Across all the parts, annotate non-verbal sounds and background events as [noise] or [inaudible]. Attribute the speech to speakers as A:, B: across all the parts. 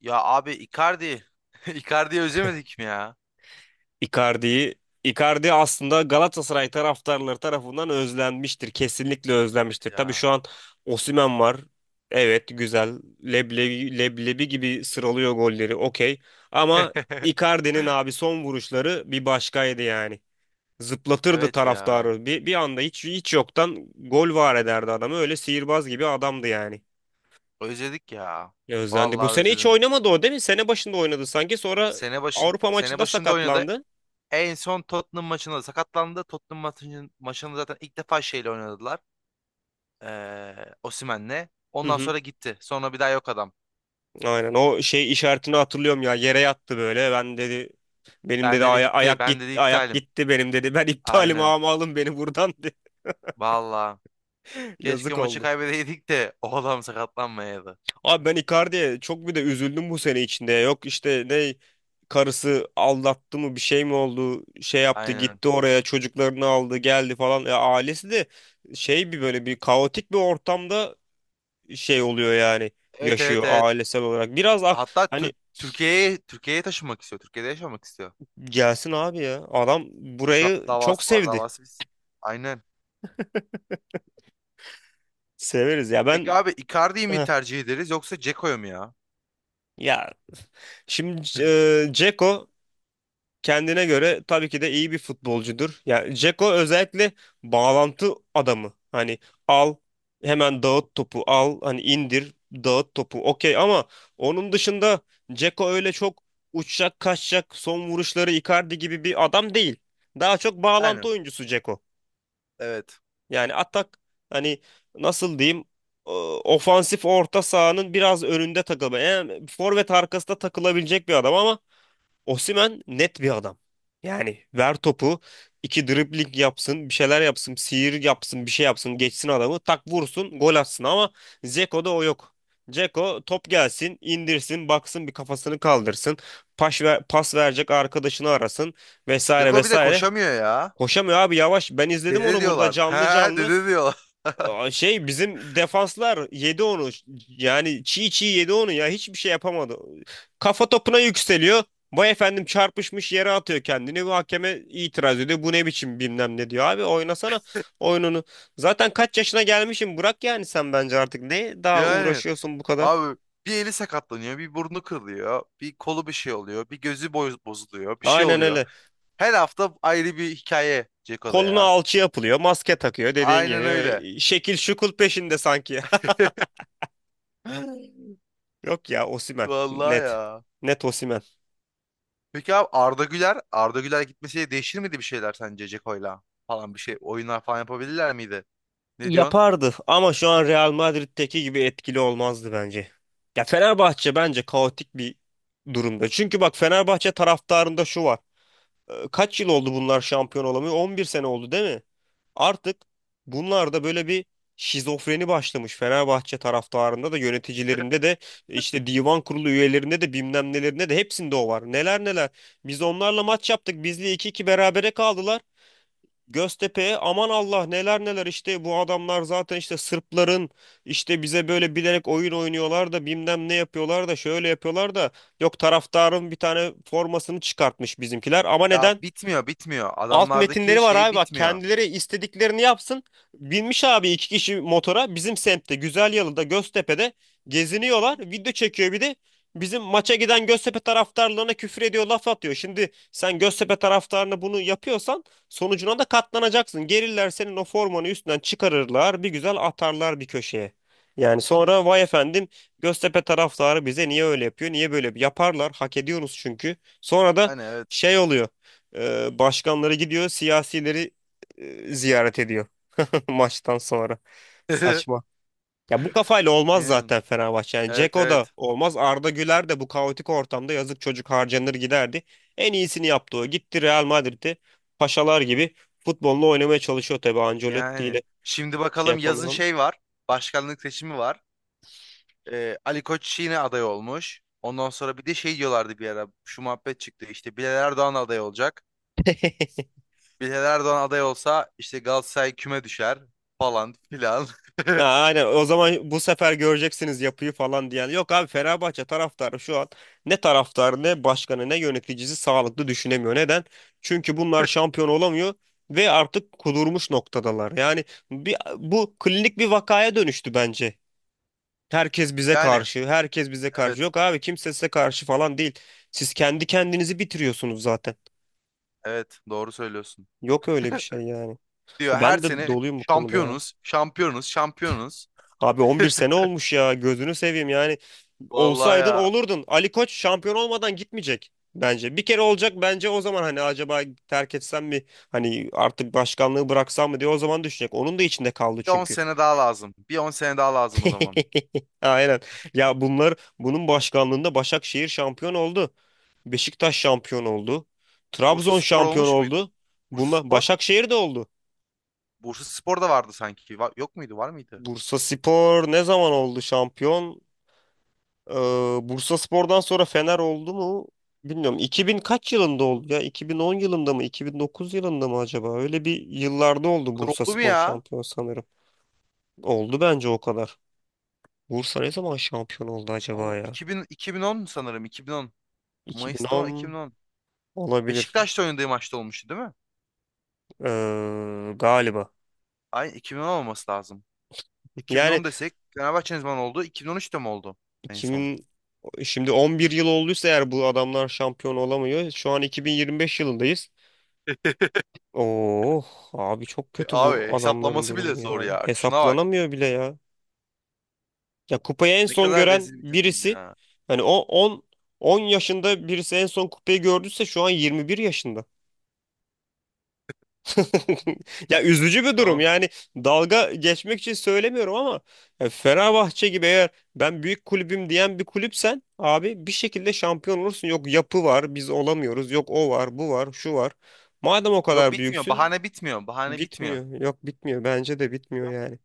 A: Ya abi Icardi. [laughs] Icardi'yi özlemedik mi ya?
B: Icardi'yi Icardi aslında Galatasaray taraftarları tarafından özlenmiştir. Kesinlikle
A: Evet
B: özlenmiştir. Tabii şu
A: ya.
B: an Osimhen var. Evet, güzel. Leblebi, leblebi gibi sıralıyor golleri. Okey. Ama Icardi'nin
A: [laughs]
B: abi son vuruşları bir başkaydı yani. Zıplatırdı
A: Evet ya.
B: taraftarı. Bir anda hiç yoktan gol var ederdi adamı. Öyle sihirbaz gibi adamdı yani.
A: Özledik ya.
B: Ya özlendi. Bu
A: Vallahi
B: sene hiç
A: özledim.
B: oynamadı o, değil mi? Sene başında oynadı sanki. Sonra Avrupa
A: Sene
B: maçında
A: başında oynadı.
B: sakatlandı.
A: En son Tottenham maçında sakatlandı. Tottenham maçında zaten ilk defa şeyle oynadılar. Osimhen'le.
B: Hı
A: Ondan
B: hı.
A: sonra gitti. Sonra bir daha yok adam.
B: Aynen, o şey işaretini hatırlıyorum ya, yere yattı böyle, "Ben," dedi, "benim,"
A: Ben
B: dedi,
A: dedi bitti.
B: "ayak
A: Ben dedi
B: gitti, ayak
A: iptalim.
B: gitti benim," dedi. [laughs] "Ben iptalim
A: Aynen.
B: ama alın beni buradan," [laughs] dedi.
A: Vallahi. Keşke
B: Yazık
A: maçı
B: oldu.
A: kaybedeydik de [laughs] o adam sakatlanmayaydı.
B: Abi ben Icardi'ye çok bir de üzüldüm bu sene içinde. Yok işte, ne karısı aldattı mı, bir şey mi oldu, şey yaptı,
A: Aynen.
B: gitti oraya, çocuklarını aldı geldi falan, ya ailesi de şey, bir böyle bir kaotik bir ortamda şey oluyor yani,
A: Evet,
B: yaşıyor
A: evet, evet,
B: ailesel olarak biraz
A: hatta
B: hani.
A: Türkiye'ye taşınmak istiyor. Türkiye'de yaşamak istiyor.
B: Gelsin abi ya. Adam
A: Şu
B: burayı
A: an
B: çok
A: davası var.
B: sevdi.
A: Davası biz. Aynen.
B: Severiz ya,
A: Peki
B: ben.
A: abi Icardi'yi mi
B: Heh.
A: tercih ederiz yoksa Dzeko'yu mu ya?
B: Ya şimdi Dzeko kendine göre tabii ki de iyi bir futbolcudur. Yani Dzeko özellikle bağlantı adamı. Hani al, hemen dağıt topu, al hani indir, dağıt topu, okey, ama onun dışında Dzeko öyle çok uçacak kaçacak son vuruşları Icardi gibi bir adam değil. Daha çok bağlantı
A: Yani
B: oyuncusu Dzeko.
A: evet.
B: Yani atak, hani nasıl diyeyim, e, ofansif orta sahanın biraz önünde takılma. Yani forvet arkasında takılabilecek bir adam ama Osimhen net bir adam. Yani ver topu, iki dribling yapsın, bir şeyler yapsın, sihir yapsın, bir şey yapsın, geçsin adamı, tak vursun, gol atsın, ama Dzeko'da o yok. Dzeko top gelsin, indirsin, baksın, bir kafasını kaldırsın, pas, ver, pas verecek arkadaşını arasın, vesaire
A: Dzeko bir de
B: vesaire.
A: koşamıyor ya.
B: Koşamıyor abi, yavaş, ben izledim
A: Dede
B: onu burada
A: diyorlar. [laughs]
B: canlı
A: He,
B: canlı.
A: dede diyorlar.
B: Aa, şey, bizim defanslar yedi onu. Yani çiğ çiğ yedi onu ya. Hiçbir şey yapamadı. Kafa topuna yükseliyor. Vay efendim, çarpışmış, yere atıyor kendini. Bu hakeme itiraz ediyor. Bu ne biçim bilmem ne diyor. Abi oynasana oyununu. Zaten kaç yaşına gelmişim, bırak yani sen bence artık. Ne daha
A: Yani
B: uğraşıyorsun bu kadar?
A: abi bir eli sakatlanıyor, bir burnu kırılıyor, bir kolu bir şey oluyor, bir gözü bozuluyor, bir şey
B: Aynen
A: oluyor.
B: öyle.
A: Her hafta ayrı bir hikaye Dzeko'da
B: Koluna
A: ya.
B: alçı yapılıyor, maske takıyor dediğin
A: Aynen öyle.
B: gibi. Şekil şukul peşinde sanki.
A: [laughs]
B: [laughs] Yok ya, Osimhen.
A: Vallahi
B: Net.
A: ya.
B: Net Osimhen.
A: Peki abi Arda Güler gitmesiyle değişir miydi bir şeyler sence Ceko'yla falan bir şey oyunlar falan yapabilirler miydi? Ne diyorsun?
B: Yapardı ama şu an Real Madrid'deki gibi etkili olmazdı bence. Ya Fenerbahçe bence kaotik bir durumda. Çünkü bak, Fenerbahçe taraftarında şu var. Kaç yıl oldu bunlar şampiyon olamıyor? 11 sene oldu, değil mi? Artık bunlarda böyle bir şizofreni başlamış. Fenerbahçe taraftarında da, yöneticilerinde de, işte divan kurulu üyelerinde de, bilmem nelerinde de, hepsinde o var. Neler neler. Biz onlarla maç yaptık, bizle iki iki berabere kaldılar. Göztepe'ye aman Allah neler neler işte, bu adamlar zaten işte Sırpların, işte bize böyle bilerek oyun oynuyorlar da, bilmem ne yapıyorlar da, şöyle yapıyorlar da, yok taraftarın bir tane formasını çıkartmış bizimkiler, ama
A: Ya
B: neden?
A: bitmiyor, bitmiyor.
B: Alt
A: Adamlardaki
B: metinleri var
A: şey
B: abi, bak
A: bitmiyor.
B: kendileri istediklerini yapsın. Binmiş abi iki kişi motora, bizim semtte Güzelyalı'da, Göztepe'de geziniyorlar. Video çekiyor bir de, bizim maça giden Göztepe taraftarlarına küfür ediyor, laf atıyor. Şimdi sen Göztepe taraftarına bunu yapıyorsan, sonucuna da katlanacaksın. Gelirler senin o formanı üstünden çıkarırlar, bir güzel atarlar bir köşeye. Yani sonra vay efendim, Göztepe taraftarı bize niye öyle yapıyor, niye böyle yapıyor? Yaparlar, hak ediyoruz çünkü. Sonra da
A: Hani evet.
B: şey oluyor, başkanları gidiyor, siyasileri ziyaret ediyor [laughs] maçtan sonra. Saçma.
A: [laughs]
B: Ya bu kafayla olmaz
A: Yani,
B: zaten Fenerbahçe. Yani
A: evet,
B: Dzeko da
A: evet.
B: olmaz, Arda Güler de bu kaotik ortamda yazık, çocuk harcanır giderdi. En iyisini yaptı o. Gitti Real Madrid'e, paşalar gibi futbolunu oynamaya çalışıyor tabii Ancelotti
A: Yani
B: ile.
A: şimdi
B: Şey
A: bakalım yazın
B: yapamıyorum.
A: şey var. Başkanlık seçimi var. Ali Koç yine aday olmuş. Ondan sonra bir de şey diyorlardı bir ara. Şu muhabbet çıktı. İşte Bilal Erdoğan aday olacak.
B: [laughs]
A: Bilal Erdoğan aday olsa işte Galatasaray küme düşer falan filan.
B: Ha,
A: [laughs]
B: aynen, o zaman bu sefer göreceksiniz yapıyı falan diyen. Yok abi, Fenerbahçe taraftarı şu an ne taraftarı, ne başkanı, ne yöneticisi sağlıklı düşünemiyor. Neden? Çünkü bunlar şampiyon olamıyor ve artık kudurmuş noktadalar. Yani bu klinik bir vakaya dönüştü bence. Herkes bize
A: Yani
B: karşı, herkes bize karşı.
A: evet.
B: Yok abi, kimse size karşı falan değil. Siz kendi kendinizi bitiriyorsunuz zaten.
A: Evet, doğru söylüyorsun.
B: Yok öyle bir şey yani.
A: Diyor her
B: Ben de
A: sene
B: doluyum bu konuda ya.
A: şampiyonuz, şampiyonuz, şampiyonuz.
B: Abi 11 sene olmuş ya, gözünü seveyim yani.
A: Vallahi
B: Olsaydın
A: ya.
B: olurdun. Ali Koç şampiyon olmadan gitmeyecek bence. Bir kere olacak, bence o zaman hani, acaba terk etsem mi? Hani artık başkanlığı bıraksam mı diye o zaman düşünecek. Onun da içinde kaldı
A: Bir 10
B: çünkü.
A: sene daha lazım. Bir on sene daha lazım o zaman.
B: [laughs] Aynen. Ya bunlar, bunun başkanlığında Başakşehir şampiyon oldu. Beşiktaş şampiyon oldu.
A: Bursa
B: Trabzon
A: Spor
B: şampiyon
A: olmuş muydu?
B: oldu.
A: Bursa
B: Bunlar
A: Spor?
B: Başakşehir de oldu.
A: Bursa Spor da vardı sanki. Yok muydu? Var mıydı?
B: Bursaspor ne zaman oldu şampiyon? Ee, Bursaspor'dan sonra Fener oldu mu? Bilmiyorum. 2000 kaç yılında oldu ya? 2010 yılında mı? 2009 yılında mı acaba? Öyle bir yıllarda oldu
A: Bu oldu mu
B: Bursaspor
A: ya?
B: şampiyon sanırım. Oldu bence, o kadar. Bursa ne zaman şampiyon oldu
A: Allah,
B: acaba ya?
A: 2000, 2010 sanırım, 2010. Mayıs'ta
B: 2010
A: 2010.
B: olabilir.
A: Beşiktaş'ta oynadığı maçta olmuştu değil mi?
B: Galiba.
A: Ay, 2010 olması lazım.
B: Yani
A: 2010 desek Fenerbahçe ne zaman oldu? 2013'te mi oldu en son?
B: 2000, şimdi 11 yıl olduysa eğer bu adamlar şampiyon olamıyor, şu an 2025 yılındayız.
A: [laughs]
B: Oh abi çok kötü bu
A: Abi
B: adamların
A: hesaplaması bile
B: durumu
A: zor
B: ya.
A: ya. Şuna bak.
B: Hesaplanamıyor bile ya. Ya kupayı en
A: Ne
B: son
A: kadar
B: gören
A: rezil bir takım
B: birisi,
A: ya.
B: hani o 10 yaşında birisi en son kupayı gördüyse şu an 21 yaşında. [laughs] Ya üzücü bir durum.
A: Tamam.
B: Yani dalga geçmek için söylemiyorum ama, ya Fenerbahçe gibi eğer ben büyük kulübüm diyen bir kulüpsen abi, bir şekilde şampiyon olursun. Yok yapı var, biz olamıyoruz. Yok o var, bu var, şu var. Madem o
A: Yok,
B: kadar
A: bitmiyor.
B: büyüksün,
A: Bahane bitmiyor. Bahane bitmiyor.
B: bitmiyor. Yok bitmiyor. Bence de bitmiyor yani.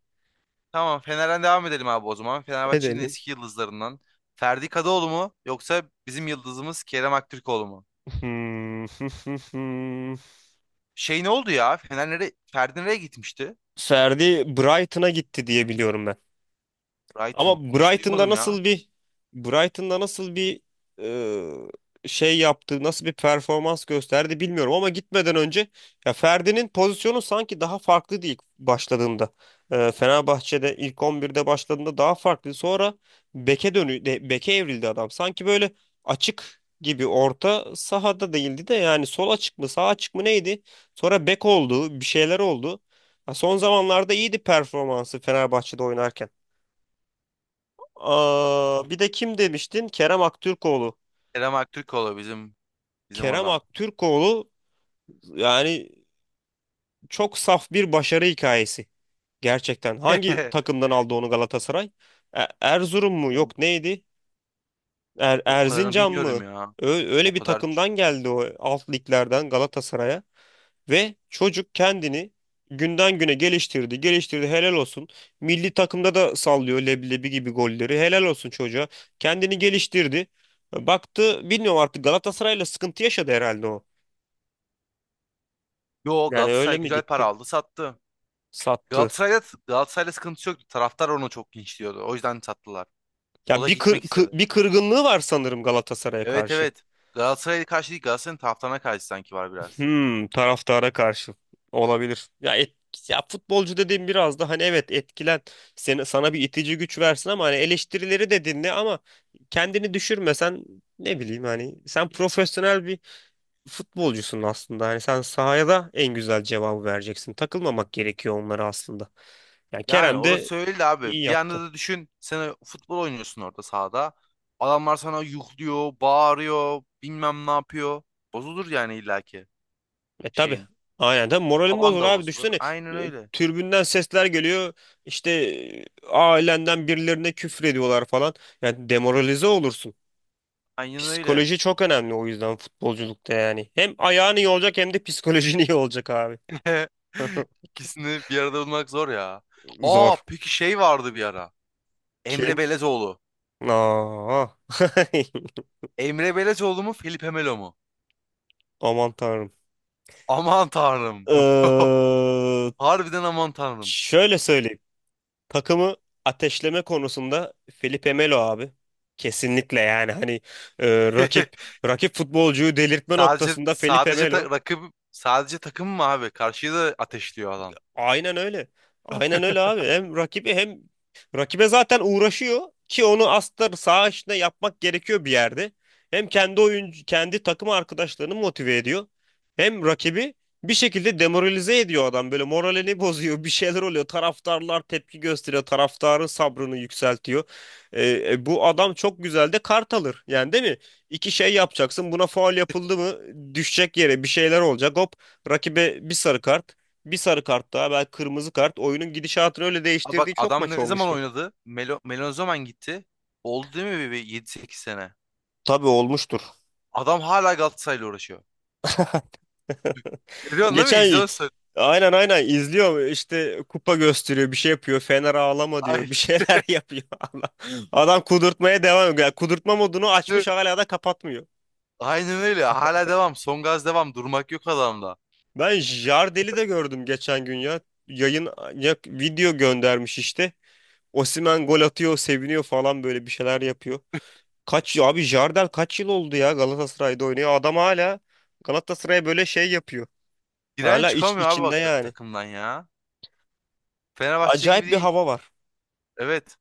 A: Tamam, Fener'den devam edelim abi o zaman. Fenerbahçe'nin
B: Edelim.
A: eski yıldızlarından. Ferdi Kadıoğlu mu yoksa bizim yıldızımız Kerem Aktürkoğlu mu?
B: [laughs]
A: Şey ne oldu ya? Fener nereye, Ferdi nereye gitmişti?
B: Ferdi Brighton'a gitti diye biliyorum ben. Ama
A: Brighton. Hiç
B: Brighton'da
A: duymadım ya.
B: nasıl bir, Brighton'da nasıl bir şey yaptı, nasıl bir performans gösterdi bilmiyorum ama gitmeden önce, ya Ferdi'nin pozisyonu sanki daha farklıydı ilk başladığında. E, Fenerbahçe'de ilk 11'de başladığında daha farklı. Sonra beke evrildi adam. Sanki böyle açık gibi, orta sahada değildi de, yani sol açık mı, sağ açık mı neydi? Sonra bek oldu, bir şeyler oldu. Ha, son zamanlarda iyiydi performansı Fenerbahçe'de oynarken. Aa, bir de kim demiştin? Kerem Aktürkoğlu.
A: Kerem Aktürkoğlu bizim
B: Kerem
A: adam.
B: Aktürkoğlu yani çok saf bir başarı hikayesi. Gerçekten. Hangi
A: [laughs]
B: takımdan aldı onu Galatasaray? Erzurum mu?
A: O,
B: Yok neydi?
A: o kadarını
B: Erzincan mı?
A: bilmiyorum ya.
B: Ö- öyle
A: O
B: bir
A: kadar.
B: takımdan geldi o, alt liglerden Galatasaray'a. Ve çocuk kendini günden güne geliştirdi, geliştirdi. Helal olsun. Milli takımda da sallıyor leblebi gibi golleri. Helal olsun çocuğa. Kendini geliştirdi. Baktı, bilmiyorum artık Galatasaray'la sıkıntı yaşadı herhalde o.
A: Yo,
B: Yani öyle
A: Galatasaray
B: mi
A: güzel para
B: gitti?
A: aldı, sattı.
B: Sattı.
A: Galatasaray'da Galatasaray'la sıkıntısı yoktu. Taraftar onu çok linçliyordu. O yüzden sattılar. O
B: Ya
A: da
B: bir kır-
A: gitmek
B: kı-
A: istedi.
B: bir kırgınlığı var sanırım Galatasaray'a
A: Evet,
B: karşı.
A: evet. Galatasaray'a karşı değil, Galatasaray'ın taraftarına karşı sanki var biraz.
B: Hmm, taraftara karşı olabilir. Ya futbolcu dediğim biraz da hani evet, sana bir itici güç versin ama hani eleştirileri de dinle ama kendini düşürmesen, ne bileyim hani, sen profesyonel bir futbolcusun aslında. Hani sen sahaya da en güzel cevabı vereceksin. Takılmamak gerekiyor onlara aslında. Yani
A: Yani
B: Kerem de
A: orası öyle
B: iyi
A: abi. Bir anda
B: yaptı.
A: da düşün. Sen futbol oynuyorsun orada sahada. Adamlar sana yuhluyor, bağırıyor, bilmem ne yapıyor. Bozulur yani illaki
B: E tabi.
A: şeyin.
B: Aynen tabi moralim
A: Havan
B: bozulur
A: da
B: abi
A: bozulur.
B: düşünsene,
A: Aynen
B: e,
A: öyle.
B: tribünden sesler geliyor işte, ailenden birilerine küfür ediyorlar falan, yani demoralize olursun.
A: Aynen öyle.
B: Psikoloji çok önemli o yüzden futbolculukta yani. Hem ayağın iyi olacak, hem de psikolojin [laughs] iyi olacak abi.
A: [laughs] İkisini bir arada bulmak zor ya. Aa,
B: Zor.
A: peki şey vardı bir ara. Emre
B: Kim?
A: Belezoğlu.
B: Aa. [laughs]
A: Emre Belezoğlu mu Felipe Melo mu?
B: Aman tanrım.
A: Aman tanrım. [laughs]
B: Ee,
A: Harbiden aman tanrım.
B: şöyle söyleyeyim. Takımı ateşleme konusunda Felipe Melo abi. Kesinlikle yani hani, e, rakip
A: [laughs]
B: rakip futbolcuyu delirtme
A: Sadece
B: noktasında Felipe
A: sadece
B: Melo.
A: ta- rakip sadece takım mı abi? Karşıyı da ateşliyor adam.
B: Aynen öyle. Aynen öyle abi.
A: [laughs]
B: Hem rakibi, hem rakibe zaten uğraşıyor, ki onu aslında saha içinde yapmak gerekiyor bir yerde. Hem kendi oyuncu, kendi takım arkadaşlarını motive ediyor. Hem rakibi bir şekilde demoralize ediyor adam, böyle moralini [laughs] bozuyor, bir şeyler oluyor, taraftarlar tepki gösteriyor, taraftarın sabrını yükseltiyor. Bu adam çok güzel de kart alır yani, değil mi? İki şey yapacaksın, buna faul yapıldı mı, düşecek yere bir şeyler olacak, hop rakibe bir sarı kart, bir sarı kart daha, belki kırmızı kart, oyunun gidişatını öyle
A: Aa, bak
B: değiştirdiği çok
A: adam
B: maç
A: ne zaman
B: olmuştur.
A: oynadı? Melo ne zaman gitti? Oldu değil mi bir yedi sekiz sene?
B: Tabii olmuştur.
A: Adam hala Galatasaray'la uğraşıyor.
B: [laughs]
A: Görüyorsun değil mi?
B: Geçen,
A: İzliyorsun.
B: aynen aynen izliyor işte, kupa gösteriyor, bir şey yapıyor, Fener ağlama diyor,
A: Ay,
B: bir şeyler [laughs] yapıyor. Allah. Adam kudurtmaya devam ediyor. Yani kudurtma modunu açmış, hala da kapatmıyor.
A: aynen öyle. Hala devam. Son gaz devam. Durmak yok adamda.
B: Ben Jardel'i de gördüm geçen gün ya. Yayın, ya, video göndermiş işte. Osimhen gol atıyor, seviniyor falan, böyle bir şeyler yapıyor. Kaç abi Jardel kaç yıl oldu ya Galatasaray'da oynuyor. Adam hala Galatasaray'a böyle şey yapıyor.
A: Giren
B: Hala iç,
A: çıkamıyor abi
B: içinde
A: bak
B: yani.
A: takımdan ya. Fenerbahçe
B: Acayip
A: gibi
B: bir
A: değil.
B: hava var.
A: Evet.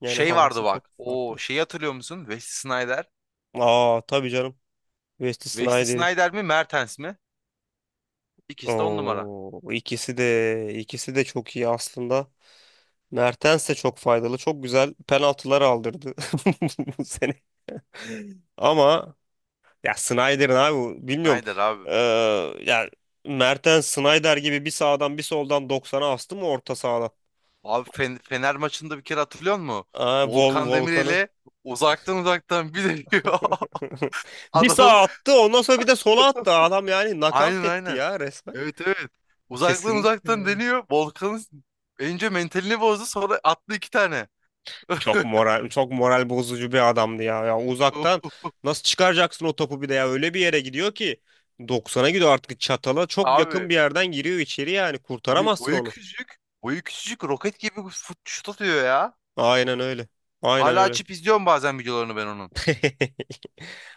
B: Yani
A: Şey
B: havası
A: vardı
B: çok
A: bak. O
B: farklı.
A: şeyi hatırlıyor musun? Wesley Sneijder.
B: Aa tabii canım. Wesley
A: Wesley
B: Sneijder'i.
A: Sneijder mi? Mertens mi? İkisi de on numara.
B: Oo, ikisi de, ikisi de çok iyi aslında. Mertens de çok faydalı. Çok güzel penaltılar aldırdı [laughs] bu sene. Ama ya Sneijder'in abi bu- bilmiyorum.
A: Snyder abi.
B: Ee, ya Mertens Snyder gibi bir sağdan bir soldan doksan'a astı mı orta sahada?
A: Abi Fener maçında bir kere hatırlıyor musun?
B: Aa,
A: Volkan
B: volkanı.
A: Demirel'e uzaktan bir deniyor. [laughs]
B: [laughs] Bir
A: Adamın
B: sağa attı, ondan sonra bir de sola attı. Adam yani knockout etti
A: aynen.
B: ya resmen.
A: Evet, evet.
B: Kesinlikle
A: Uzaktan
B: yani.
A: deniyor. Volkan'ın önce mentalini bozdu, sonra attı iki tane.
B: Çok moral, çok moral bozucu bir adamdı ya. Ya uzaktan
A: [laughs]
B: nasıl çıkaracaksın o topu, bir de ya öyle bir yere gidiyor ki 90'a gidiyor, artık çatala çok yakın
A: Abi
B: bir yerden giriyor içeri, yani kurtaramazsın
A: boyu
B: onu.
A: küçücük. Boyu küçücük, roket gibi şut atıyor ya.
B: Aynen öyle. Aynen
A: Hala
B: öyle.
A: açıp izliyorum bazen videolarını ben onun.
B: [laughs]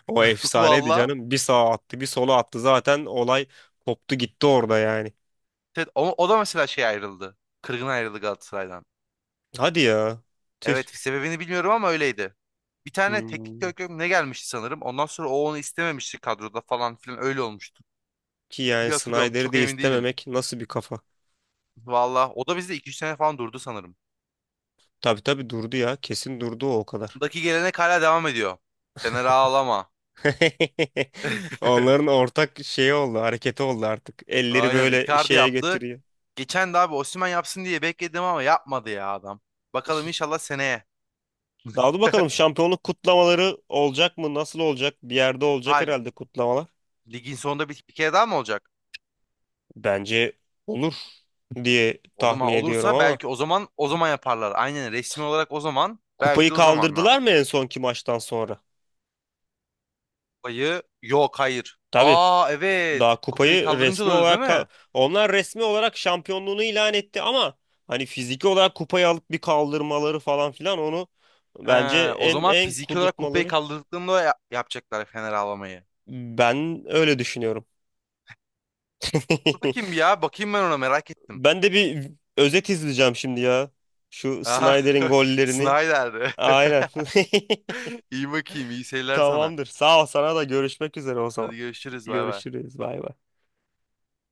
B: O
A: [laughs]
B: efsaneydi
A: Valla.
B: canım. Bir sağa attı, bir sola attı. Zaten olay koptu gitti orada yani.
A: Evet, o da mesela şey ayrıldı. Kırgın ayrıldı Galatasaray'dan.
B: Hadi ya. Tüh.
A: Evet, sebebini bilmiyorum ama öyleydi. Bir tane teknik
B: Hmm.
A: direktör mü ne gelmişti sanırım. Ondan sonra o onu istememişti kadroda falan filan, öyle olmuştu.
B: Ki yani
A: Diye hatırlıyorum,
B: Snyder'i
A: çok
B: de
A: emin değilim.
B: istememek nasıl bir kafa?
A: Valla o da bizde iki üç sene falan durdu sanırım.
B: Tabii tabii durdu ya. Kesin durdu o kadar.
A: Ondaki gelenek hala devam ediyor. Fener ağlama.
B: [laughs] Onların
A: [laughs]
B: ortak şeyi oldu, hareketi oldu artık. Elleri
A: Aynen
B: böyle
A: Icardi
B: şeye
A: yaptı.
B: getiriyor.
A: Geçen de abi Osimhen yapsın diye bekledim ama yapmadı ya adam. Bakalım inşallah seneye.
B: Daha dur bakalım, şampiyonluk kutlamaları olacak mı? Nasıl olacak? Bir yerde olacak
A: Ha,
B: herhalde kutlamalar.
A: ligin sonunda bir kere daha mı olacak?
B: Bence olur diye
A: O zaman
B: tahmin ediyorum
A: olursa
B: ama.
A: belki o zaman yaparlar. Aynen, resmi olarak o zaman, belki
B: Kupayı
A: de o zaman.
B: kaldırdılar mı en sonki maçtan sonra?
A: Kupayı yok, hayır.
B: Tabii.
A: Aa, evet.
B: Daha
A: Kupayı
B: kupayı
A: kaldırınca da
B: resmi
A: oluyor değil
B: olarak ka-,
A: mi?
B: onlar resmi olarak şampiyonluğunu ilan etti ama hani fiziki olarak kupayı alıp bir kaldırmaları falan filan, onu
A: He,
B: bence
A: o
B: en
A: zaman
B: en
A: fiziki olarak kupayı
B: kudurtmaları.
A: kaldırdıklarında yapacaklar Fener avlamayı.
B: Ben öyle düşünüyorum.
A: Dur bakayım
B: [laughs]
A: bir ya. Bakayım ben ona, merak ettim.
B: Ben de bir özet izleyeceğim şimdi ya. Şu
A: Aha,
B: Snyder'in
A: [laughs]
B: gollerini.
A: Snyder.
B: Aynen.
A: [laughs] İyi bakayım. İyi
B: [laughs]
A: seyirler sana.
B: Tamamdır. Sağ ol, sana da, görüşmek üzere o zaman.
A: Hadi görüşürüz. Bay bay.
B: Görüşürüz. Bay bay.